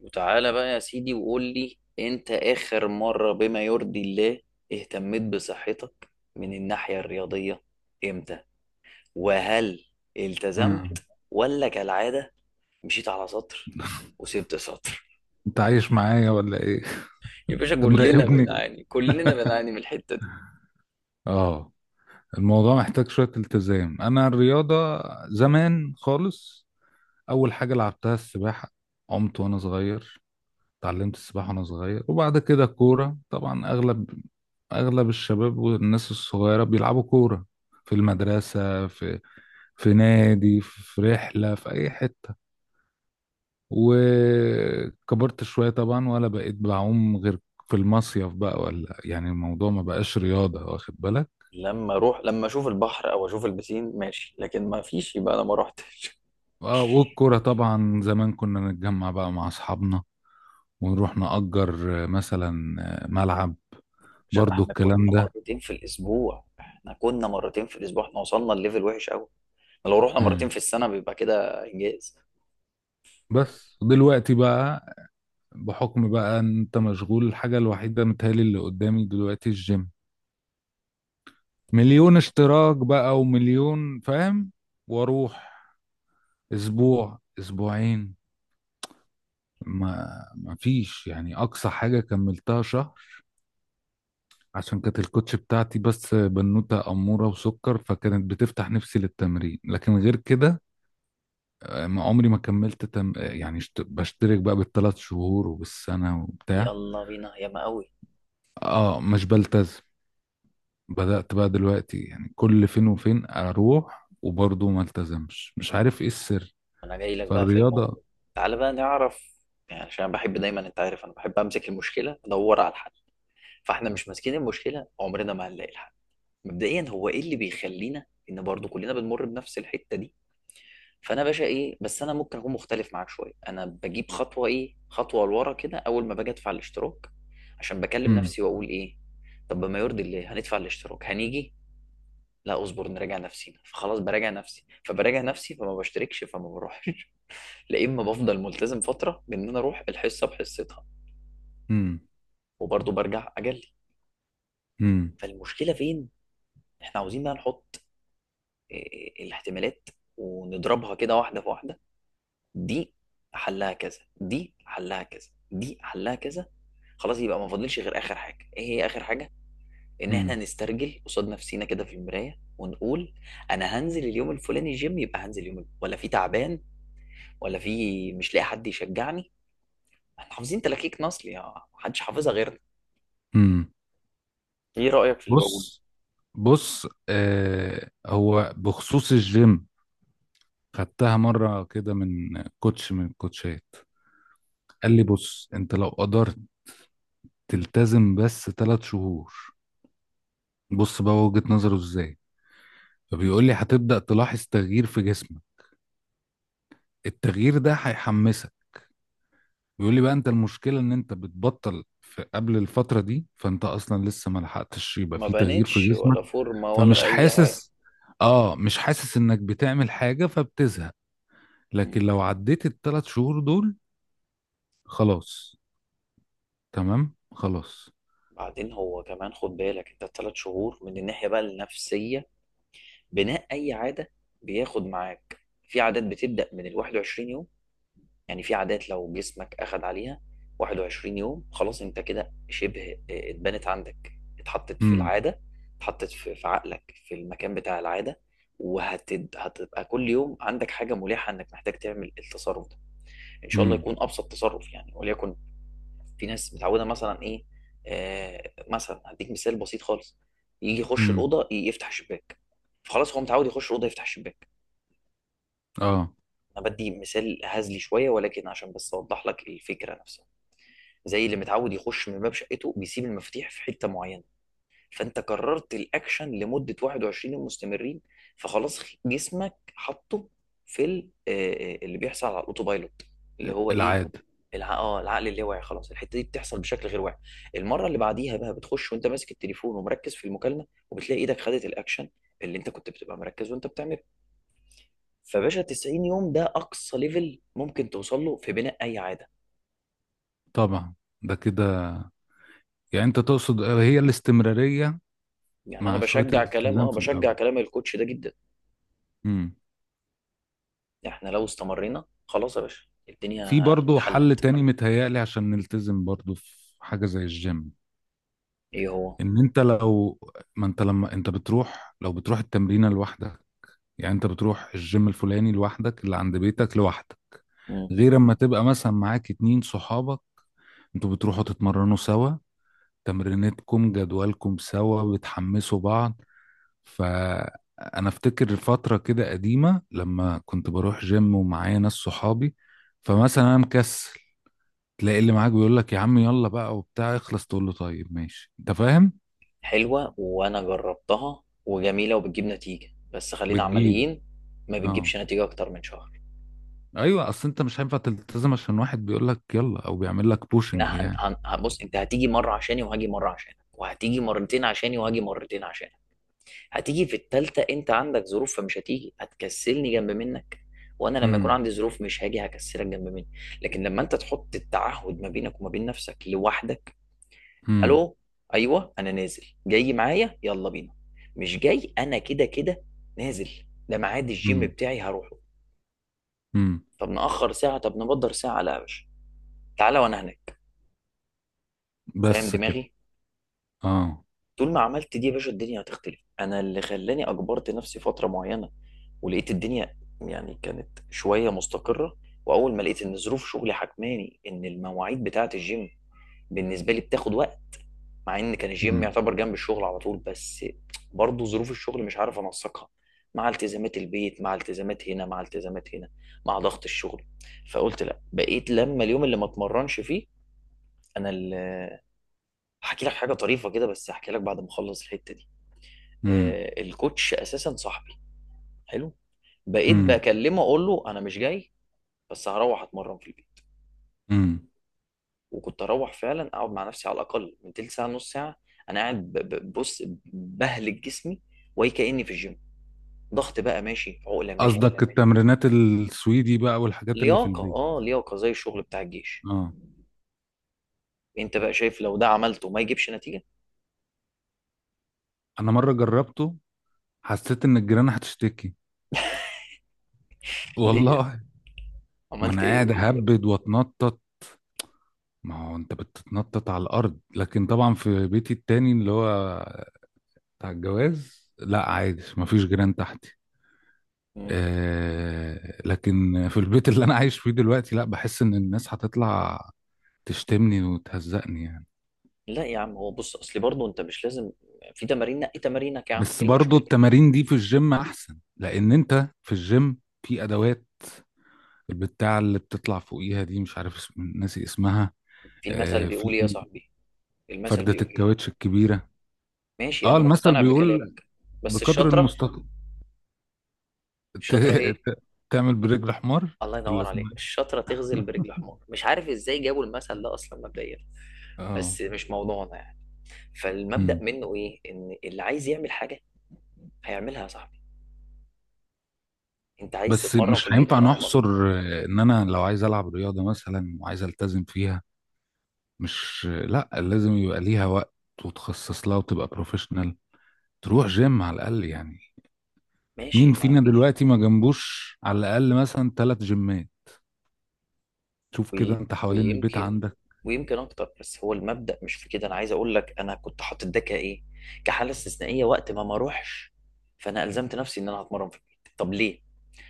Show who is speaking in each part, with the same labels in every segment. Speaker 1: وتعالى بقى يا سيدي وقول لي انت اخر مرة بما يرضي الله اهتميت بصحتك من الناحية الرياضية؟ امتى؟ وهل
Speaker 2: مم.
Speaker 1: التزمت ولا كالعادة مشيت على سطر وسبت سطر؟
Speaker 2: انت عايش معايا ولا ايه؟
Speaker 1: يا باشا
Speaker 2: انت
Speaker 1: كلنا
Speaker 2: مراقبني؟
Speaker 1: بنعاني، كلنا بنعاني من الحتة دي.
Speaker 2: اه، الموضوع محتاج شوية التزام. انا الرياضة زمان خالص. اول حاجة لعبتها السباحة، عمت وانا صغير، اتعلمت السباحة وانا صغير. وبعد كده كورة، طبعا اغلب الشباب والناس الصغيرة بيلعبوا كورة في المدرسة، في نادي، في رحلة، في اي حتة. وكبرت شوية طبعا ولا بقيت بعوم غير في المصيف بقى، ولا يعني الموضوع ما بقاش رياضة، واخد بالك.
Speaker 1: لما اروح، لما اشوف البحر او اشوف البسين ماشي، لكن ما فيش يبقى انا ما رحتش.
Speaker 2: اه، والكرة طبعا زمان كنا نتجمع بقى مع أصحابنا ونروح نأجر، مثلا، ملعب.
Speaker 1: عشان
Speaker 2: برضو
Speaker 1: احنا كنا
Speaker 2: الكلام ده.
Speaker 1: مرتين في الاسبوع، احنا وصلنا الليفل وحش قوي. لو رحنا مرتين
Speaker 2: مم.
Speaker 1: في السنة بيبقى كده انجاز.
Speaker 2: بس دلوقتي بقى، بحكم بقى ان انت مشغول، الحاجة الوحيدة متهيألي اللي قدامي دلوقتي الجيم. مليون اشتراك بقى ومليون، فاهم، واروح اسبوع اسبوعين. ما فيش يعني، اقصى حاجه كملتها شهر، عشان كانت الكوتش بتاعتي بس بنوته اموره وسكر، فكانت بتفتح نفسي للتمرين، لكن غير كده ما عمري ما كملت، تم... آه، يعني بشترك بقى بالثلاث شهور وبالسنه وبتاع.
Speaker 1: يلا بينا ياما قوي.
Speaker 2: اه، مش بلتزم. بدأت بقى دلوقتي يعني كل فين وفين اروح، وبرضه ما التزمش، مش عارف ايه السر
Speaker 1: انا جاي لك بقى في الموضوع،
Speaker 2: فالرياضه.
Speaker 1: تعالى بقى نعرف. يعني عشان أنا بحب دايما، انت عارف، انا بحب امسك المشكله ادور على الحل. فاحنا مش ماسكين المشكله عمرنا ما هنلاقي الحل. مبدئيا هو ايه اللي بيخلينا ان برضو كلنا بنمر بنفس الحته دي؟ فانا باشا ايه، بس انا ممكن اكون مختلف معاك شويه، انا بجيب خطوه، ايه، خطوه لورا كده. اول ما باجي ادفع الاشتراك، عشان بكلم
Speaker 2: امم
Speaker 1: نفسي واقول ايه، طب ما يرضي الله هندفع الاشتراك هنيجي، لا اصبر نراجع نفسينا. فخلاص براجع نفسي، فبراجع نفسي فما بشتركش فما بروحش. لا اما بفضل ملتزم فتره، بان انا اروح الحصه بحصتها،
Speaker 2: امم
Speaker 1: وبرضه برجع اجلي.
Speaker 2: امم
Speaker 1: فالمشكله فين؟ احنا عاوزين بقى نحط الاحتمالات ونضربها كده واحده في واحده. دي حلها كذا، دي حلها كذا، دي حلها كذا، خلاص. يبقى ما فاضلش غير اخر حاجه. ايه هي اخر حاجه؟ ان احنا نسترجل قصاد نفسينا كده في المرايه ونقول انا هنزل اليوم الفلاني جيم، يبقى هنزل يوم ولا في تعبان، ولا في مش لاقي حد يشجعني. احنا حافظين تلاكيك نصل يا محدش حافظها غيرنا.
Speaker 2: امم
Speaker 1: ايه رأيك في اللي بقوله؟
Speaker 2: بص، بص، هو بخصوص الجيم، خدتها مرة كده من كوتش، من الكوتشات. قال لي: بص، انت لو قدرت تلتزم بس 3 شهور، بص بقى وجهة نظره ازاي، فبيقول لي هتبدأ تلاحظ تغيير في جسمك، التغيير ده هيحمسك. بيقول لي بقى: انت المشكلة ان انت بتبطل في قبل الفترة دي، فانت اصلا لسه ما لحقتش يبقى
Speaker 1: ما
Speaker 2: في تغيير في
Speaker 1: بانتش
Speaker 2: جسمك،
Speaker 1: ولا فورمة
Speaker 2: فمش
Speaker 1: ولا
Speaker 2: تبقى
Speaker 1: اي حاجة.
Speaker 2: حاسس. اه، مش حاسس انك بتعمل حاجة، فبتزهق.
Speaker 1: مم.
Speaker 2: لكن لو عديت الثلاث شهور دول خلاص، تمام خلاص.
Speaker 1: بعدين هو كمان خد بالك انت، الثلاث شهور من الناحية بقى النفسية، بناء اي عادة بياخد معاك. في عادات بتبدأ من ال 21 يوم. يعني في عادات لو جسمك اخد عليها 21 يوم، خلاص انت كده شبه اتبنت عندك، اتحطت في
Speaker 2: امم
Speaker 1: العادة، اتحطت في عقلك في المكان بتاع العادة. وهتبقى كل يوم عندك حاجة ملحة انك محتاج تعمل التصرف ده. ان شاء الله
Speaker 2: امم
Speaker 1: يكون ابسط تصرف، يعني وليكن في ناس متعوده مثلا ايه. مثلا هديك مثال بسيط خالص، يجي يخش
Speaker 2: امم
Speaker 1: الاوضه يفتح الشباك. فخلاص هو متعود يخش الاوضه يفتح الشباك.
Speaker 2: اه،
Speaker 1: انا بدي مثال هزلي شويه ولكن عشان بس اوضح لك الفكره نفسها. زي اللي متعود يخش من باب شقته بيسيب المفاتيح في حته معينه، فانت كررت الاكشن لمده 21 يوم مستمرين، فخلاص جسمك حطه في اللي بيحصل على الاوتو بايلوت، اللي هو ايه؟
Speaker 2: العادة
Speaker 1: العقل اللاواعي. خلاص الحته دي بتحصل بشكل غير واعي. المره اللي بعديها بقى بتخش وانت ماسك التليفون ومركز في المكالمه، وبتلاقي ايدك خدت الاكشن اللي انت كنت بتبقى مركز وانت بتعمله. فباشا 90 يوم ده اقصى ليفل ممكن توصل له في بناء اي عاده.
Speaker 2: طبعا. ده كده يعني انت تقصد هي الاستمرارية،
Speaker 1: يعني انا
Speaker 2: مع شوية
Speaker 1: بشجع كلام،
Speaker 2: الالتزام
Speaker 1: اه،
Speaker 2: في
Speaker 1: بشجع
Speaker 2: الاول.
Speaker 1: كلام الكوتش ده جدا.
Speaker 2: امم
Speaker 1: احنا لو استمرينا خلاص يا باشا
Speaker 2: في
Speaker 1: الدنيا
Speaker 2: برضو حل
Speaker 1: اتحلت.
Speaker 2: تاني متهيألي عشان نلتزم برضو في حاجة زي الجيم:
Speaker 1: ايه هو؟
Speaker 2: ان انت لو، ما انت لما انت بتروح، لو بتروح التمرينة لوحدك، يعني انت بتروح الجيم الفلاني لوحدك اللي عند بيتك لوحدك،
Speaker 1: مم.
Speaker 2: غير اما تبقى مثلا معاك اتنين صحابك، انتوا بتروحوا تتمرنوا سوا، تمرينتكم جدولكم سوا، بتحمسوا بعض. فأنا أفتكر فترة كده قديمة لما كنت بروح جيم ومعايا ناس صحابي، فمثلا أنا مكسل، تلاقي اللي معاك بيقول لك: يا عم، يلا بقى وبتاع، اخلص. تقول له: طيب ماشي. أنت فاهم؟
Speaker 1: حلوة، وانا جربتها وجميلة وبتجيب نتيجة، بس خلينا
Speaker 2: بتجيب.
Speaker 1: عمليين. ما
Speaker 2: اه،
Speaker 1: بتجيبش نتيجة اكتر من شهر.
Speaker 2: أيوه، أصل أنت مش هينفع تلتزم عشان واحد بيقول لك يلا، أو بيعمل لك بوشنج
Speaker 1: لا،
Speaker 2: يعني.
Speaker 1: بص، انت هتيجي مرة عشاني وهاجي مرة عشانك، وهتيجي مرتين عشاني وهاجي مرتين عشانك. هتيجي في التالتة انت عندك ظروف فمش هتيجي، هتكسلني جنب منك. وانا لما يكون
Speaker 2: امم
Speaker 1: عندي ظروف مش هاجي هكسلك جنب مني. لكن لما انت تحط التعهد ما بينك وما بين نفسك لوحدك،
Speaker 2: امم
Speaker 1: الو، ايوه انا نازل، جاي معايا يلا بينا، مش جاي انا كده كده نازل، ده ميعاد الجيم
Speaker 2: امم
Speaker 1: بتاعي هروحه.
Speaker 2: امم
Speaker 1: طب نأخر ساعة، طب نبدر ساعة، لا يا باشا، تعالى وانا هناك. فاهم
Speaker 2: بس كده.
Speaker 1: دماغي؟
Speaker 2: اه.
Speaker 1: طول ما عملت دي يا باشا الدنيا هتختلف. انا اللي خلاني اجبرت نفسي فترة معينة، ولقيت الدنيا يعني كانت شوية مستقرة. واول ما لقيت ان ظروف شغلي حكماني ان المواعيد بتاعة الجيم بالنسبة لي بتاخد وقت، مع ان كان الجيم
Speaker 2: امم
Speaker 1: يعتبر جنب الشغل على طول، بس برضه ظروف الشغل مش عارف انسقها مع التزامات البيت، مع التزامات هنا، مع التزامات هنا، مع ضغط الشغل. فقلت لا، بقيت لما اليوم اللي ما اتمرنش فيه، انا اللي، هحكي لك حاجه طريفه كده بس، هحكي لك بعد ما اخلص الحته دي. آه، الكوتش اساسا صاحبي، حلو، بقيت
Speaker 2: امم
Speaker 1: بكلمه اقول له انا مش جاي بس هروح اتمرن في البيت.
Speaker 2: امم
Speaker 1: وكنت اروح فعلا اقعد مع نفسي على الاقل من تلت ساعه نص ساعه، انا قاعد بص، بهلك جسمي وهي كاني في الجيم. ضغط بقى ماشي، عقله ماشي،
Speaker 2: قصدك يعني التمرينات السويدي بقى، والحاجات اللي في
Speaker 1: لياقه،
Speaker 2: البيت.
Speaker 1: اه لياقه زي الشغل بتاع الجيش.
Speaker 2: اه،
Speaker 1: انت بقى شايف لو ده عملته ما يجيبش نتيجه؟
Speaker 2: انا مره جربته، حسيت ان الجيران هتشتكي،
Speaker 1: ليه يعني؟
Speaker 2: والله. ما
Speaker 1: عملت
Speaker 2: انا قاعد
Speaker 1: ايه؟
Speaker 2: اهبد واتنطط. ما هو انت بتتنطط على الارض، لكن طبعا في بيتي التاني اللي هو بتاع الجواز لا عادي، ما فيش جيران تحتي.
Speaker 1: مم.
Speaker 2: لكن في البيت اللي انا عايش فيه دلوقتي لا، بحس ان الناس هتطلع تشتمني وتهزقني يعني.
Speaker 1: لا يا عم، هو بص اصل برضه انت مش لازم، في تمارين، نقي تمارينك يا عم،
Speaker 2: بس
Speaker 1: ايه
Speaker 2: برضو
Speaker 1: المشكله؟
Speaker 2: التمارين دي في الجيم احسن، لان انت في الجيم في ادوات، البتاع اللي بتطلع فوقيها دي مش عارف اسم، ناسي اسمها.
Speaker 1: في المثل
Speaker 2: في
Speaker 1: بيقول ايه يا صاحبي؟ المثل
Speaker 2: فردة
Speaker 1: بيقول ايه؟
Speaker 2: الكاوتش الكبيرة.
Speaker 1: ماشي
Speaker 2: اه،
Speaker 1: انا
Speaker 2: المثل
Speaker 1: مقتنع
Speaker 2: بيقول:
Speaker 1: بكلامك بس
Speaker 2: بقدر
Speaker 1: الشطره.
Speaker 2: المستطاع ت...
Speaker 1: الشطره ايه؟
Speaker 2: ت... تعمل برجل حمار.
Speaker 1: الله
Speaker 2: ولا
Speaker 1: ينور عليك،
Speaker 2: اسمها
Speaker 1: الشطره
Speaker 2: إيه؟
Speaker 1: تغزل برجل حمار، مش عارف ازاي جابوا المثل ده اصلا مبدئيا،
Speaker 2: اه.
Speaker 1: بس مش موضوعنا يعني. فالمبدأ
Speaker 2: مم.
Speaker 1: منه ايه؟ ان اللي عايز يعمل حاجة هيعملها صح. انت عايز
Speaker 2: بس
Speaker 1: تتمرن في
Speaker 2: مش
Speaker 1: البيت
Speaker 2: هينفع
Speaker 1: هتتمرن.
Speaker 2: نحصر، ان انا لو عايز العب رياضة مثلا وعايز التزم فيها، مش، لا، لازم يبقى ليها وقت، وتخصص لها، وتبقى بروفيشنال، تروح جيم على الاقل يعني.
Speaker 1: ماشي
Speaker 2: مين
Speaker 1: ما
Speaker 2: فينا
Speaker 1: فيش.
Speaker 2: دلوقتي ما جنبوش على الاقل مثلا ثلاث جيمات؟ شوف كده
Speaker 1: وي...
Speaker 2: انت حوالين البيت
Speaker 1: ويمكن،
Speaker 2: عندك.
Speaker 1: ويمكن اكتر، بس هو المبدأ مش في كده. انا عايز اقول لك انا كنت حاطط ده كايه، كحالة استثنائية وقت ما ما اروحش. فانا الزمت نفسي ان انا هتمرن في البيت، طب ليه؟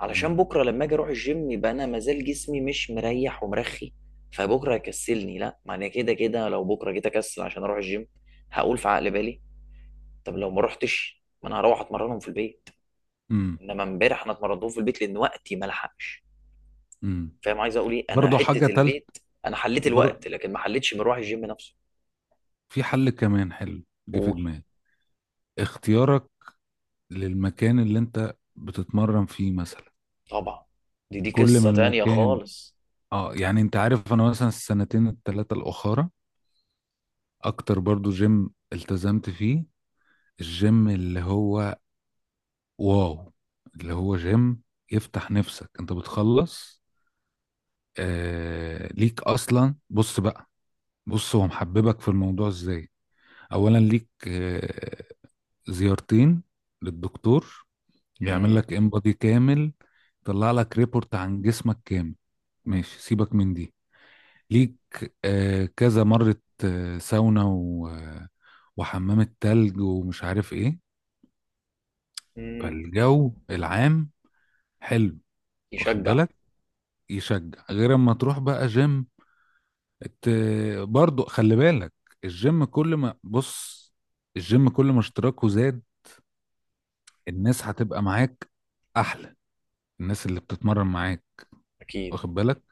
Speaker 1: علشان
Speaker 2: امم
Speaker 1: بكرة لما اجي اروح الجيم يبقى انا مازال جسمي مش مريح ومرخي، فبكرة هيكسلني. لا، ما انا كده كده لو بكرة جيت اكسل عشان اروح الجيم، هقول في عقل بالي طب لو ما رحتش، ما انا هروح اتمرنهم في البيت.
Speaker 2: امم
Speaker 1: انما امبارح انا اتمرنتهم في البيت لان وقتي ما لحقش.
Speaker 2: امم
Speaker 1: فاهم عايز اقول ايه؟ انا
Speaker 2: برضه حاجة
Speaker 1: حته
Speaker 2: تالت.
Speaker 1: البيت، انا حليت
Speaker 2: بر...
Speaker 1: الوقت لكن ما حليتش مروح الجيم نفسه.
Speaker 2: في حل كمان حلو جه في
Speaker 1: قول.
Speaker 2: دماغي: اختيارك للمكان اللي انت بتتمرن فيه مثلا.
Speaker 1: طبعا، دي دي
Speaker 2: كل ما
Speaker 1: قصه تانية
Speaker 2: المكان،
Speaker 1: خالص.
Speaker 2: اه يعني انت عارف انا مثلا السنتين التلاتة الاخرى اكتر برضه جيم التزمت فيه، الجيم اللي هو واو، اللي هو جيم يفتح نفسك، انت بتخلص ليك اصلا. بص بقى، بص هو محببك في الموضوع ازاي: اولا ليك زيارتين للدكتور، يعمل
Speaker 1: مم.
Speaker 2: لك انبادي كامل، يطلع لك ريبورت عن جسمك كامل، ماشي سيبك من دي. ليك كذا مرة ساونا وحمام التلج ومش عارف ايه.
Speaker 1: مم.
Speaker 2: فالجو العام حلو، واخد
Speaker 1: يشجع.
Speaker 2: بالك، يشجع، غير اما تروح بقى جيم. ت... برضو خلي بالك، الجيم كل ما بص، الجيم كل ما اشتراكه زاد، الناس هتبقى معاك احلى، الناس اللي بتتمرن معاك،
Speaker 1: اكيد.
Speaker 2: واخد بالك.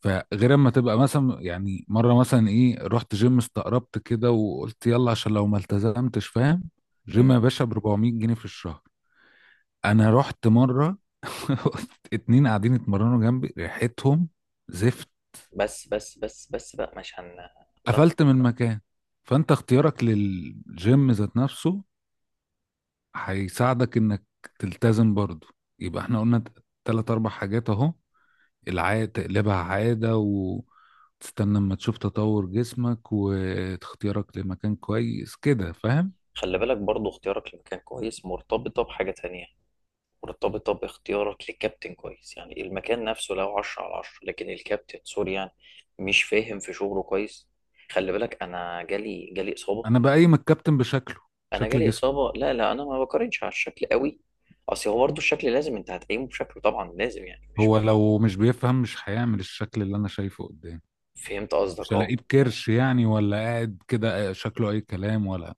Speaker 2: فغير اما تبقى مثلا يعني، مره مثلا ايه، رحت جيم استقربت كده وقلت يلا، عشان لو ما التزمتش، فاهم،
Speaker 1: مم.
Speaker 2: جيم يا باشا ب 400 جنيه في الشهر. انا رحت مره، اتنين قاعدين يتمرنوا جنبي ريحتهم زفت،
Speaker 1: بس بقى، مش هن، لا.
Speaker 2: قفلت من المكان. فانت اختيارك للجيم ذات نفسه هيساعدك انك تلتزم برضه. يبقى احنا قلنا تلات اربع حاجات اهو: العادة تقلبها عادة، وتستنى اما تشوف تطور جسمك، واختيارك لمكان كويس كده، فاهم.
Speaker 1: خلي بالك برضو اختيارك لمكان كويس مرتبطة بحاجة تانية، مرتبطة باختيارك لكابتن كويس. يعني المكان نفسه لو عشرة على عشرة لكن الكابتن سوري، يعني مش فاهم في شغله كويس. خلي بالك، أنا جالي إصابة.
Speaker 2: انا بقيم الكابتن بشكله،
Speaker 1: انا
Speaker 2: شكل
Speaker 1: جالي
Speaker 2: جسمه،
Speaker 1: اصابه، لا انا ما بقارنش على الشكل قوي. اصل هو برضه الشكل لازم انت هتقيمه بشكله طبعا، لازم يعني مش،
Speaker 2: هو لو مش بيفهم مش هيعمل الشكل اللي انا شايفه قدامي.
Speaker 1: فهمت قصدك
Speaker 2: مش
Speaker 1: اه.
Speaker 2: هلاقيه بكرش يعني، ولا قاعد كده شكله اي كلام، ولا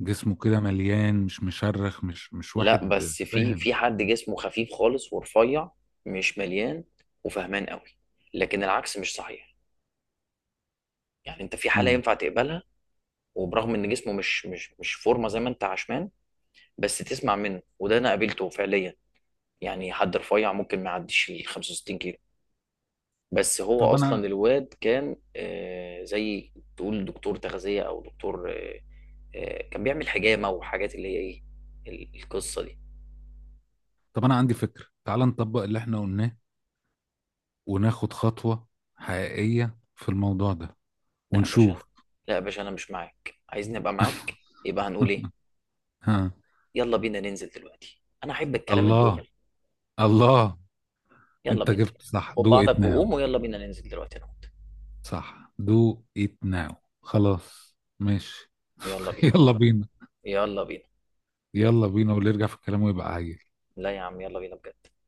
Speaker 2: جسمه كده مليان، مش مشرخ، مش
Speaker 1: لا
Speaker 2: واحد،
Speaker 1: بس في
Speaker 2: فاهم.
Speaker 1: حد جسمه خفيف خالص ورفيع، مش مليان، وفهمان قوي. لكن العكس مش صحيح، يعني انت في حاله
Speaker 2: مم.
Speaker 1: ينفع تقبلها. وبرغم ان جسمه مش فورمه زي ما انت عشمان، بس تسمع منه. وده انا قابلته فعليا، يعني حد رفيع ممكن ما يعديش ال 65 كيلو، بس هو
Speaker 2: طب انا
Speaker 1: اصلا الواد كان، زي تقول دكتور تغذيه، او دكتور كان بيعمل حجامه وحاجات اللي هي ايه، القصه دي.
Speaker 2: طب انا عندي فكرة: تعال نطبق اللي احنا قلناه، وناخد خطوة حقيقية في الموضوع ده
Speaker 1: لا يا باشا أنا-
Speaker 2: ونشوف.
Speaker 1: لا يا باشا انا مش معاك. عايزني ابقى معاك، يبقى هنقول ايه؟
Speaker 2: ها.
Speaker 1: يلا بينا ننزل دلوقتي، انا احب الكلام
Speaker 2: الله.
Speaker 1: الدغري،
Speaker 2: الله.
Speaker 1: يلا
Speaker 2: انت
Speaker 1: بينا.
Speaker 2: جبت صح
Speaker 1: خد
Speaker 2: دو
Speaker 1: بعضك
Speaker 2: ات ناو.
Speaker 1: وقوم ويلا بينا ننزل دلوقتي انا وأنت.
Speaker 2: صح دو ات ناو. خلاص ماشي.
Speaker 1: يلا بينا.
Speaker 2: يلا بينا.
Speaker 1: يلا بينا.
Speaker 2: يلا بينا، واللي يرجع في الكلام ويبقى عايز
Speaker 1: لا يا عم يلا بينا بجد.